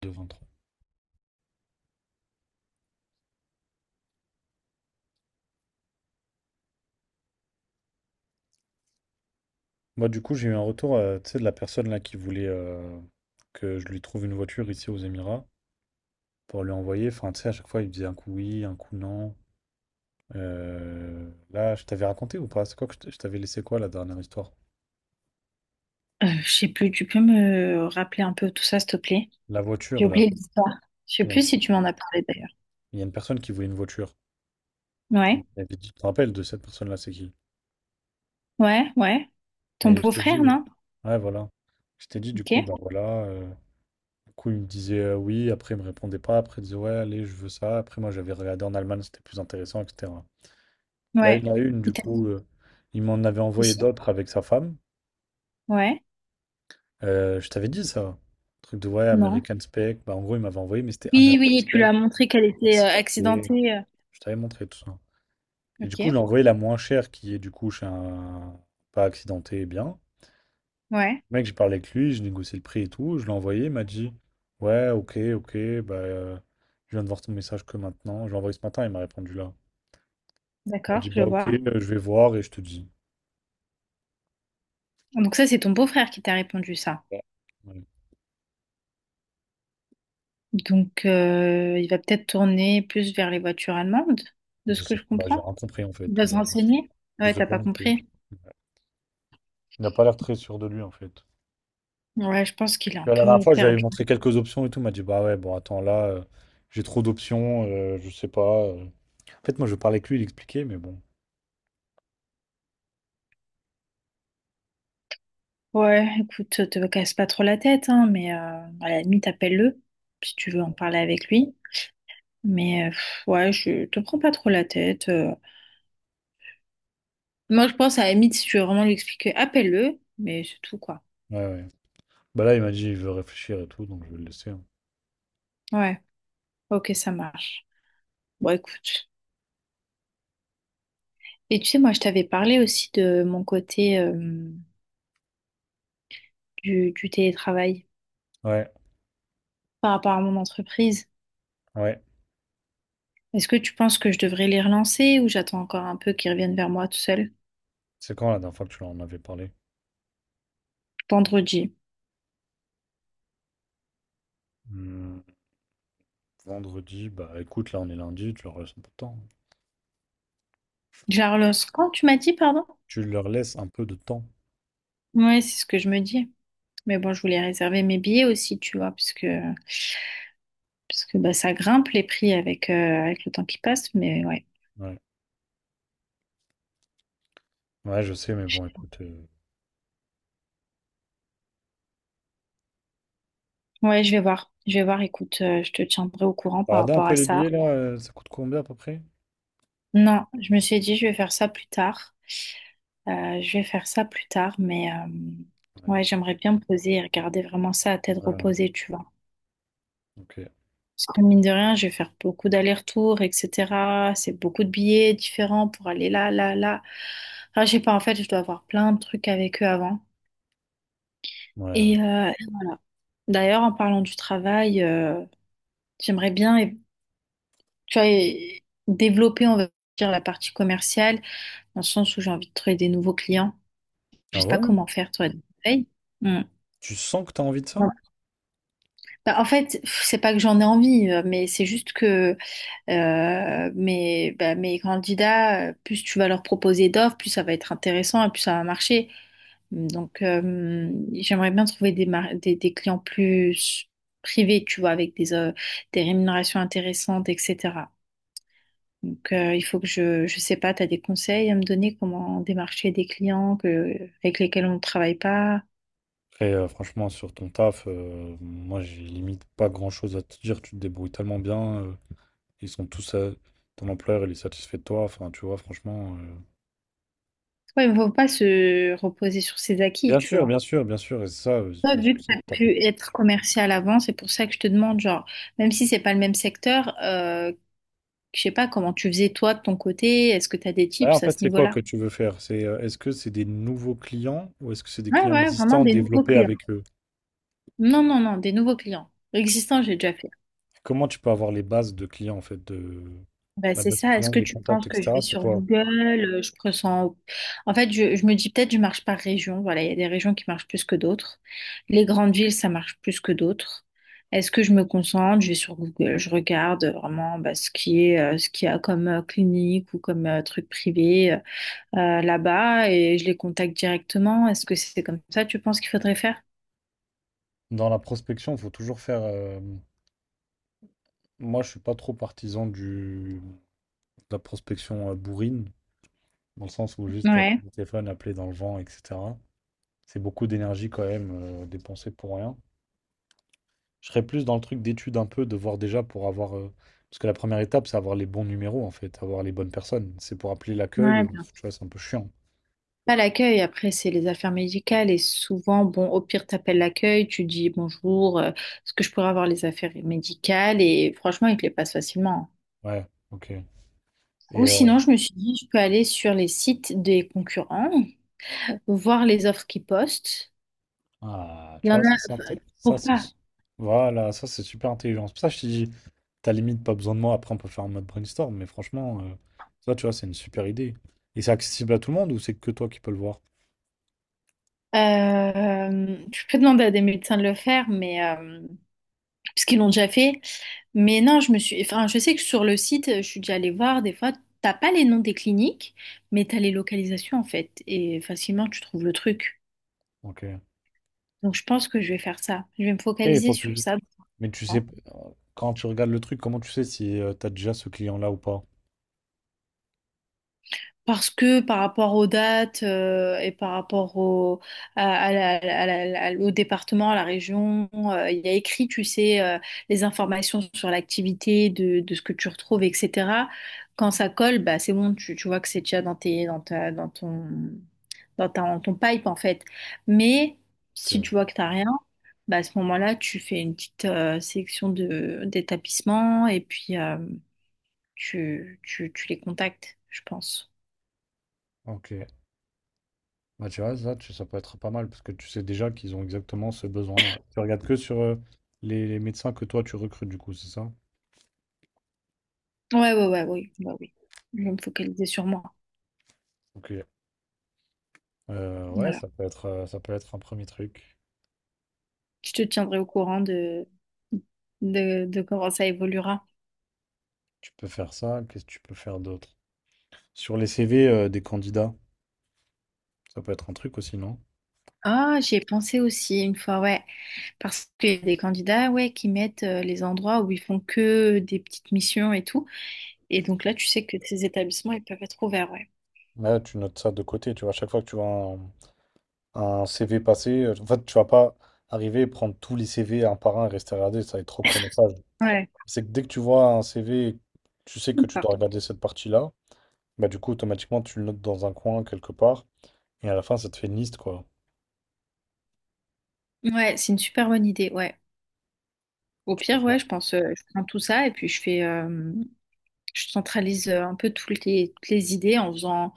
Devant trop. Moi, du coup, j'ai eu un retour tu sais, de la personne là qui voulait que je lui trouve une voiture ici aux Émirats pour lui envoyer. Enfin, tu sais, à chaque fois, il me disait un coup oui, un coup non. Là, je t'avais raconté ou pas? C'est quoi que je t'avais laissé quoi la dernière histoire? Je sais plus, tu peux me rappeler un peu tout ça, s'il te plaît? La J'ai voiture, là. oublié l'histoire. Je sais Il y a plus si tu m'en as parlé d'ailleurs. il y a une personne qui voulait une voiture. Ouais, Et puis, tu te rappelles de cette personne-là, c'est qui? ouais, ouais. Ton Et je t'ai dit, beau-frère, non? ouais, voilà. Je t'ai dit, du coup, Ok. bah voilà. Du coup, il me disait oui, après, il me répondait pas. Après, il disait, ouais, allez, je veux ça. Après, moi, j'avais regardé en Allemagne, c'était plus intéressant, etc. Là, Ouais. une à une, Il du t'a dit coup, il m'en avait envoyé ici? d'autres avec sa femme. Ouais. Je t'avais dit ça. Truc de ouais, Non. American Spec. Bah, en gros, il m'avait envoyé, mais c'était Oui, American oui, tu lui as montré qu'elle était accidenté. accidentée. Je t'avais montré tout ça. Et du coup, je Ok. l'ai envoyé la moins chère, qui est du coup chez un pas accidenté, bien. Ouais. Le mec, j'ai parlé avec lui, j'ai négocié le prix et tout. Je l'ai envoyé, il m'a dit ouais, ok, ok, bah, je viens de voir ton message que maintenant. Je l'ai envoyé ce matin, il m'a répondu là. Il m'a dit D'accord, je bah, ok, vois. Je vais voir et je te dis. Donc ça, c'est ton beau-frère qui t'a répondu ça. Ouais. Donc il va peut-être tourner plus vers les voitures allemandes, de Je ce que sais je pas, j'ai comprends. rien compris en fait. Il va se Bah, renseigner. je Ouais, sais t'as pas pas non plus. compris. Il n'a pas l'air très sûr de lui en fait. Ouais, je pense qu'il est Puis un à la dernière peu fois, je lui avais perdu. montré quelques options et tout. Il m'a dit, bah ouais, bon, attends, là, j'ai trop d'options, je sais pas. En fait, moi, je parlais avec lui, il expliquait, mais bon. Ouais, écoute, te casse pas trop la tête, hein, mais à la limite, appelle-le si tu veux en parler avec lui. Mais pff, ouais, je te prends pas trop la tête. Moi, je pense à la limite, si tu veux vraiment lui expliquer, appelle-le, mais c'est tout, quoi. Ouais, ouais. Bah là, il m'a dit, il veut réfléchir et tout, donc je vais le laisser, hein. Ouais, ok, ça marche. Bon, écoute. Et tu sais, moi, je t'avais parlé aussi de mon côté du télétravail Ouais, par rapport à mon entreprise. ouais. Est-ce que tu penses que je devrais les relancer ou j'attends encore un peu qu'ils reviennent vers moi tout seul? C'est quand la dernière fois que tu en avais parlé? Vendredi. Hmm, vendredi, bah écoute, là, on est lundi, tu leur laisses un peu de temps. Je la relance quand tu m'as dit, pardon? Tu leur laisses un peu de temps. Ouais, c'est ce que je me dis. Mais bon, je voulais réserver mes billets aussi, tu vois, parce que bah, ça grimpe les prix avec, avec le temps qui passe. Mais ouais. Ouais, ouais, je sais, mais bon, écoute. Ouais, je vais voir. Je vais voir. Écoute, je te tiendrai au courant par Regardez un rapport peu à les ça. billets là, ça coûte combien à peu près? Non, je me suis dit, je vais faire ça plus tard. Je vais faire ça plus tard. Mais Ouais. ouais, j'aimerais bien me poser et regarder vraiment ça à tête Ouais, ouais, reposée, tu vois. ok. Parce que mine de rien, je vais faire beaucoup d'allers-retours, etc. C'est beaucoup de billets différents pour aller là, là, là. Enfin, je sais pas, en fait, je dois avoir plein de trucs avec eux avant. Ouais, ouais. Et d'ailleurs, en parlant du travail, j'aimerais bien, tu vois, développer, on va dire, la partie commerciale, dans le sens où j'ai envie de trouver des nouveaux clients. Je Ah sais pas ouais? comment faire, toi, des conseils. Hmm. Tu sens que t'as envie de ça? Bah, en fait, pff, c'est pas que j'en ai envie, mais c'est juste que mais bah, mes candidats, plus tu vas leur proposer d'offres, plus ça va être intéressant et plus ça va marcher. Donc, j'aimerais bien trouver des clients plus privés, tu vois, avec des rémunérations intéressantes, etc. Donc, il faut que je sais pas, tu as des conseils à me donner comment démarcher des clients avec lesquels on ne travaille pas. Après, franchement, sur ton taf, moi, j'ai limite pas grand-chose à te dire. Tu te débrouilles tellement bien. Ils sont tous à... Ton employeur, il est satisfait de toi. Enfin, tu vois, franchement... Ouais, il ne faut pas se reposer sur ses acquis, Bien tu sûr, vois. bien sûr, bien sûr. Et c'est ça, Toi, c'est vu sur que ça tu que as t'as pu compris. être commercial avant, c'est pour ça que je te demande, genre, même si c'est pas le même secteur, je sais pas comment tu faisais toi de ton côté, est-ce que tu as des Bah, en tips à ce fait, c'est quoi niveau-là? que tu veux faire? C'est, est-ce que c'est des nouveaux clients ou est-ce que c'est des Ouais, clients ouais, vraiment existants des nouveaux développés clients. avec eux? Non, non, non, des nouveaux clients. Existants, j'ai déjà fait. Comment tu peux avoir les bases de clients, en fait, de... Bah, La c'est base ça. Est-ce client, que les tu contacts, penses que je etc. vais C'est sur quoi? Google, je pressens... En fait, je me dis peut-être je marche par région. Voilà, il y a des régions qui marchent plus que d'autres. Les grandes villes, ça marche plus que d'autres. Est-ce que je me concentre? Je vais sur Google, je regarde vraiment bah, ce qu'il y a comme clinique ou comme truc privé là-bas et je les contacte directement. Est-ce que c'est comme ça, tu penses qu'il faudrait faire? Dans la prospection, il faut toujours faire... Moi, je suis pas trop partisan du, de la prospection bourrine, dans le sens où juste Ouais. le téléphone, appeler dans le vent, etc. C'est beaucoup d'énergie quand même dépensée pour rien. Je serais plus dans le truc d'étude un peu, de voir déjà pour avoir. Parce que la première étape, c'est avoir les bons numéros en fait, avoir les bonnes personnes. C'est pour appeler l'accueil, Ouais. Tu vois, c'est un peu chiant. Pas l'accueil, après, c'est les affaires médicales et souvent, bon, au pire, t'appelles l'accueil, tu dis bonjour, est-ce que je pourrais avoir les affaires médicales? Et franchement, ils te les passent facilement. Ouais, ok. Et Ou euh, sinon, je me suis dit, je peux aller sur les sites des concurrents, voir les offres qu'ils postent. Ah, Il tu y en vois, ça, a, ça, c'est... pourquoi? Voilà, ça, c'est super intelligent. C'est pour ça que je te dis, t'as limite pas besoin de moi. Après, on peut faire un mode brainstorm, mais franchement, ça, tu vois, c'est une super idée. Et c'est accessible à tout le monde ou c'est que toi qui peux le voir? Je peux demander à des médecins de le faire, mais parce qu'ils l'ont déjà fait. Mais non, je me suis. Enfin, je sais que sur le site, je suis déjà allée voir. Des fois, t'as pas les noms des cliniques, mais t'as les localisations en fait. Et facilement, tu trouves le truc. Ok. Après, Donc, je pense que je vais faire ça. Je vais me il focaliser faut que... sur ça, Mais tu sais, hein. quand tu regardes le truc, comment tu sais si t'as déjà ce client-là ou pas? Parce que par rapport aux dates et par rapport au département, à la région, il y a écrit, tu sais, les informations sur l'activité, de ce que tu retrouves, etc. Quand ça colle, bah, c'est bon, tu vois que c'est déjà dans tes, dans ta, dans ton, ton pipe en fait. Mais si tu Ok. vois que t'as rien, bah, à ce moment-là, tu fais une petite sélection de d'établissements et puis tu les contactes, je pense. Ok. Bah, tu vois, ça, ça peut être pas mal parce que tu sais déjà qu'ils ont exactement ce besoin-là. Tu regardes que sur les médecins que toi, tu recrutes, du coup, c'est ça? Ouais, ouais, ouais, oui, bah oui. Je vais me focaliser sur moi. Ok. Ouais, Voilà. Ça peut être un premier truc. Je te tiendrai au courant de comment ça évoluera. Tu peux faire ça, qu'est-ce que tu peux faire d'autre? Sur les CV des candidats, ça peut être un truc aussi, non? Ah, j'y ai pensé aussi une fois, ouais. Parce qu'il y a des candidats, ouais, qui mettent les endroits où ils font que des petites missions et tout. Et donc là, tu sais que ces établissements, ils peuvent être ouverts, ouais. Là, tu notes ça de côté, tu vois, à chaque fois que tu vois un CV passer, en fait, tu vas pas arriver et prendre tous les CV un par un et rester regarder, ça va être trop chronophage. Ouais. C'est que dès que tu vois un CV, tu sais que tu dois Pardon. regarder cette partie-là, bah du coup, automatiquement, tu le notes dans un coin, quelque part, et à la fin, ça te fait une liste, quoi. Ouais, c'est une super bonne idée, ouais. Au Tu peux pire, faire. ouais, je pense, je prends tout ça et puis je fais, je centralise un peu toutes les idées en faisant,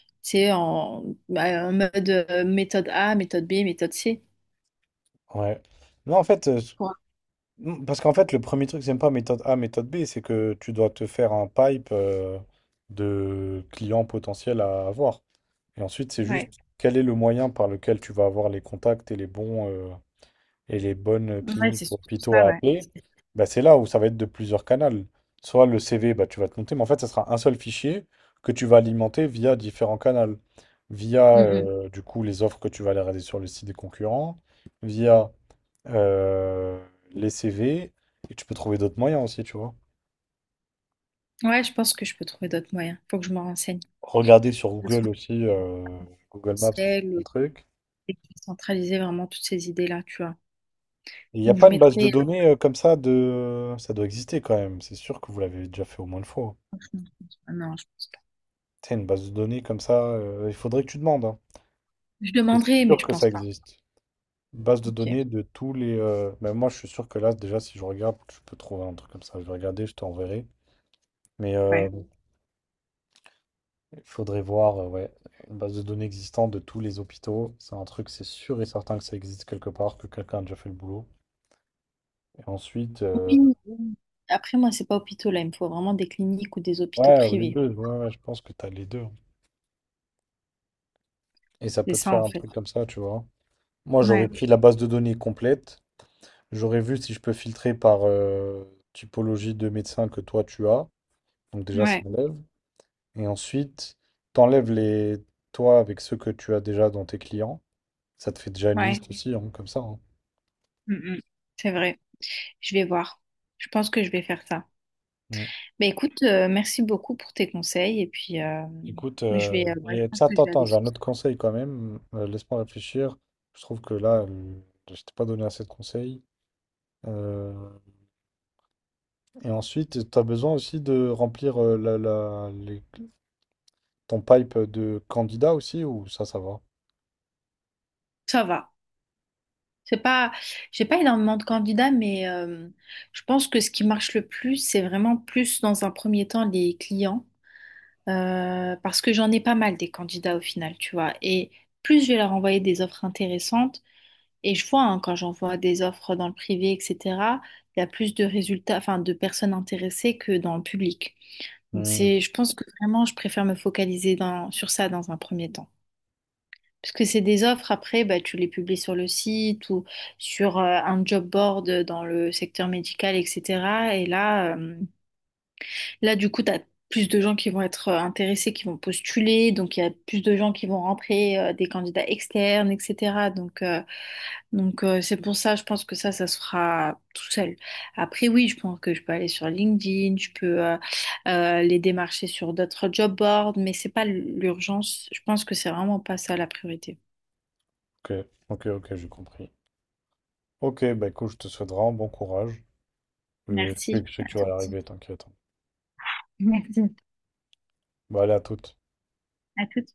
tu sais, bah, en mode méthode A, méthode B, méthode C, Ouais. Non, en fait, euh, quoi. Mm, parce qu'en fait, le premier truc, c'est même pas méthode A, méthode B, c'est que tu dois te faire un pipe de clients potentiels à avoir. Et ensuite, c'est Ouais. juste quel est le moyen par lequel tu vas avoir les contacts et les bons et les bonnes Ouais, cliniques c'est ou surtout hôpitaux ça, à ouais. appeler. Bah, c'est là où ça va être de plusieurs canaux. Soit le CV, bah, tu vas te monter, mais en fait, ça sera un seul fichier que tu vas alimenter via différents canaux. Via Mm, du coup les offres que tu vas aller regarder sur le site des concurrents, via euh, les CV, et tu peux trouver d'autres moyens aussi, tu vois. mm. Ouais, je pense que je peux trouver d'autres moyens. Faut que je me renseigne. Regarder sur Le Google aussi, Google Maps, ça peut centraliser être un le- truc. centraliser vraiment toutes ces idées-là, tu vois. Et il n'y a Où je pas une base de mettrai. données comme ça de... Ça doit exister quand même, c'est sûr que vous l'avez déjà fait au moins une fois. Non, je pense. T'as une base de données comme ça, il faudrait que tu demandes, hein. Je C'est demanderai, mais sûr je que pense ça pas. existe. Une base de Ok, données de tous les... Même moi, je suis sûr que là, déjà, si je regarde, je peux trouver un truc comme ça. Je vais regarder, je t'enverrai. Mais euh, ouais. Il faudrait voir, ouais, une base de données existante de tous les hôpitaux. C'est un truc, c'est sûr et certain que ça existe quelque part, que quelqu'un a déjà fait le boulot. Et ensuite, Oui, oui. Après, moi, c'est pas hôpitaux là. Il me faut vraiment des cliniques ou des hôpitaux ouais, ou les privés. deux, ouais, ouais, je pense que tu as les deux. Et ça C'est peut te ça, faire en un fait. truc comme ça, tu vois. Moi, j'aurais Ouais, pris la base de données complète. J'aurais vu si je peux filtrer par typologie de médecin que toi tu as. Donc déjà, ça ouais, enlève. Et ensuite, t'enlèves les toi avec ceux que tu as déjà dans tes clients. Ça te fait déjà une ouais. liste aussi, hein, comme ça, hein. Mm, mm. C'est vrai. Je vais voir. Je pense que je vais faire ça. Mm. Bah écoute, merci beaucoup pour tes conseils. Et puis, Écoute, je vais, ouais, je et pense ça, que je attends, vais attends, aller j'ai sur un autre conseil quand même. Laisse-moi réfléchir. Je trouve que là, je t'ai pas donné assez de conseils. Euh, et ensuite, tu as besoin aussi de remplir ton pipe de candidat aussi, ou ça va? ça. Va. C'est pas, j'ai pas énormément de candidats, mais je pense que ce qui marche le plus, c'est vraiment plus dans un premier temps les clients. Parce que j'en ai pas mal des candidats au final, tu vois. Et plus je vais leur envoyer des offres intéressantes, et je vois hein, quand j'envoie des offres dans le privé, etc., il y a plus de résultats, enfin de personnes intéressées que dans le public. Donc Hmm, c'est, je pense que vraiment, je préfère me focaliser sur ça dans un premier temps. Parce que c'est des offres, après, bah, tu les publies sur le site ou sur un job board dans le secteur médical, etc. Là, du coup, tu as plus de gens qui vont être intéressés, qui vont postuler, donc il y a plus de gens qui vont rentrer, des candidats externes, etc. Donc c'est pour ça, je pense que ça se fera tout seul. Après, oui, je pense que je peux aller sur LinkedIn, je peux les démarcher sur d'autres job boards, mais c'est pas l'urgence. Je pense que c'est vraiment pas ça la priorité. ok, ok, ok, j'ai compris. Ok, bah écoute, je te souhaite vraiment bon courage. Merci. Je sais À que tu toi. vas y Merci. arriver, t'inquiète. Merci. Bah allez, à toutes. À toutes.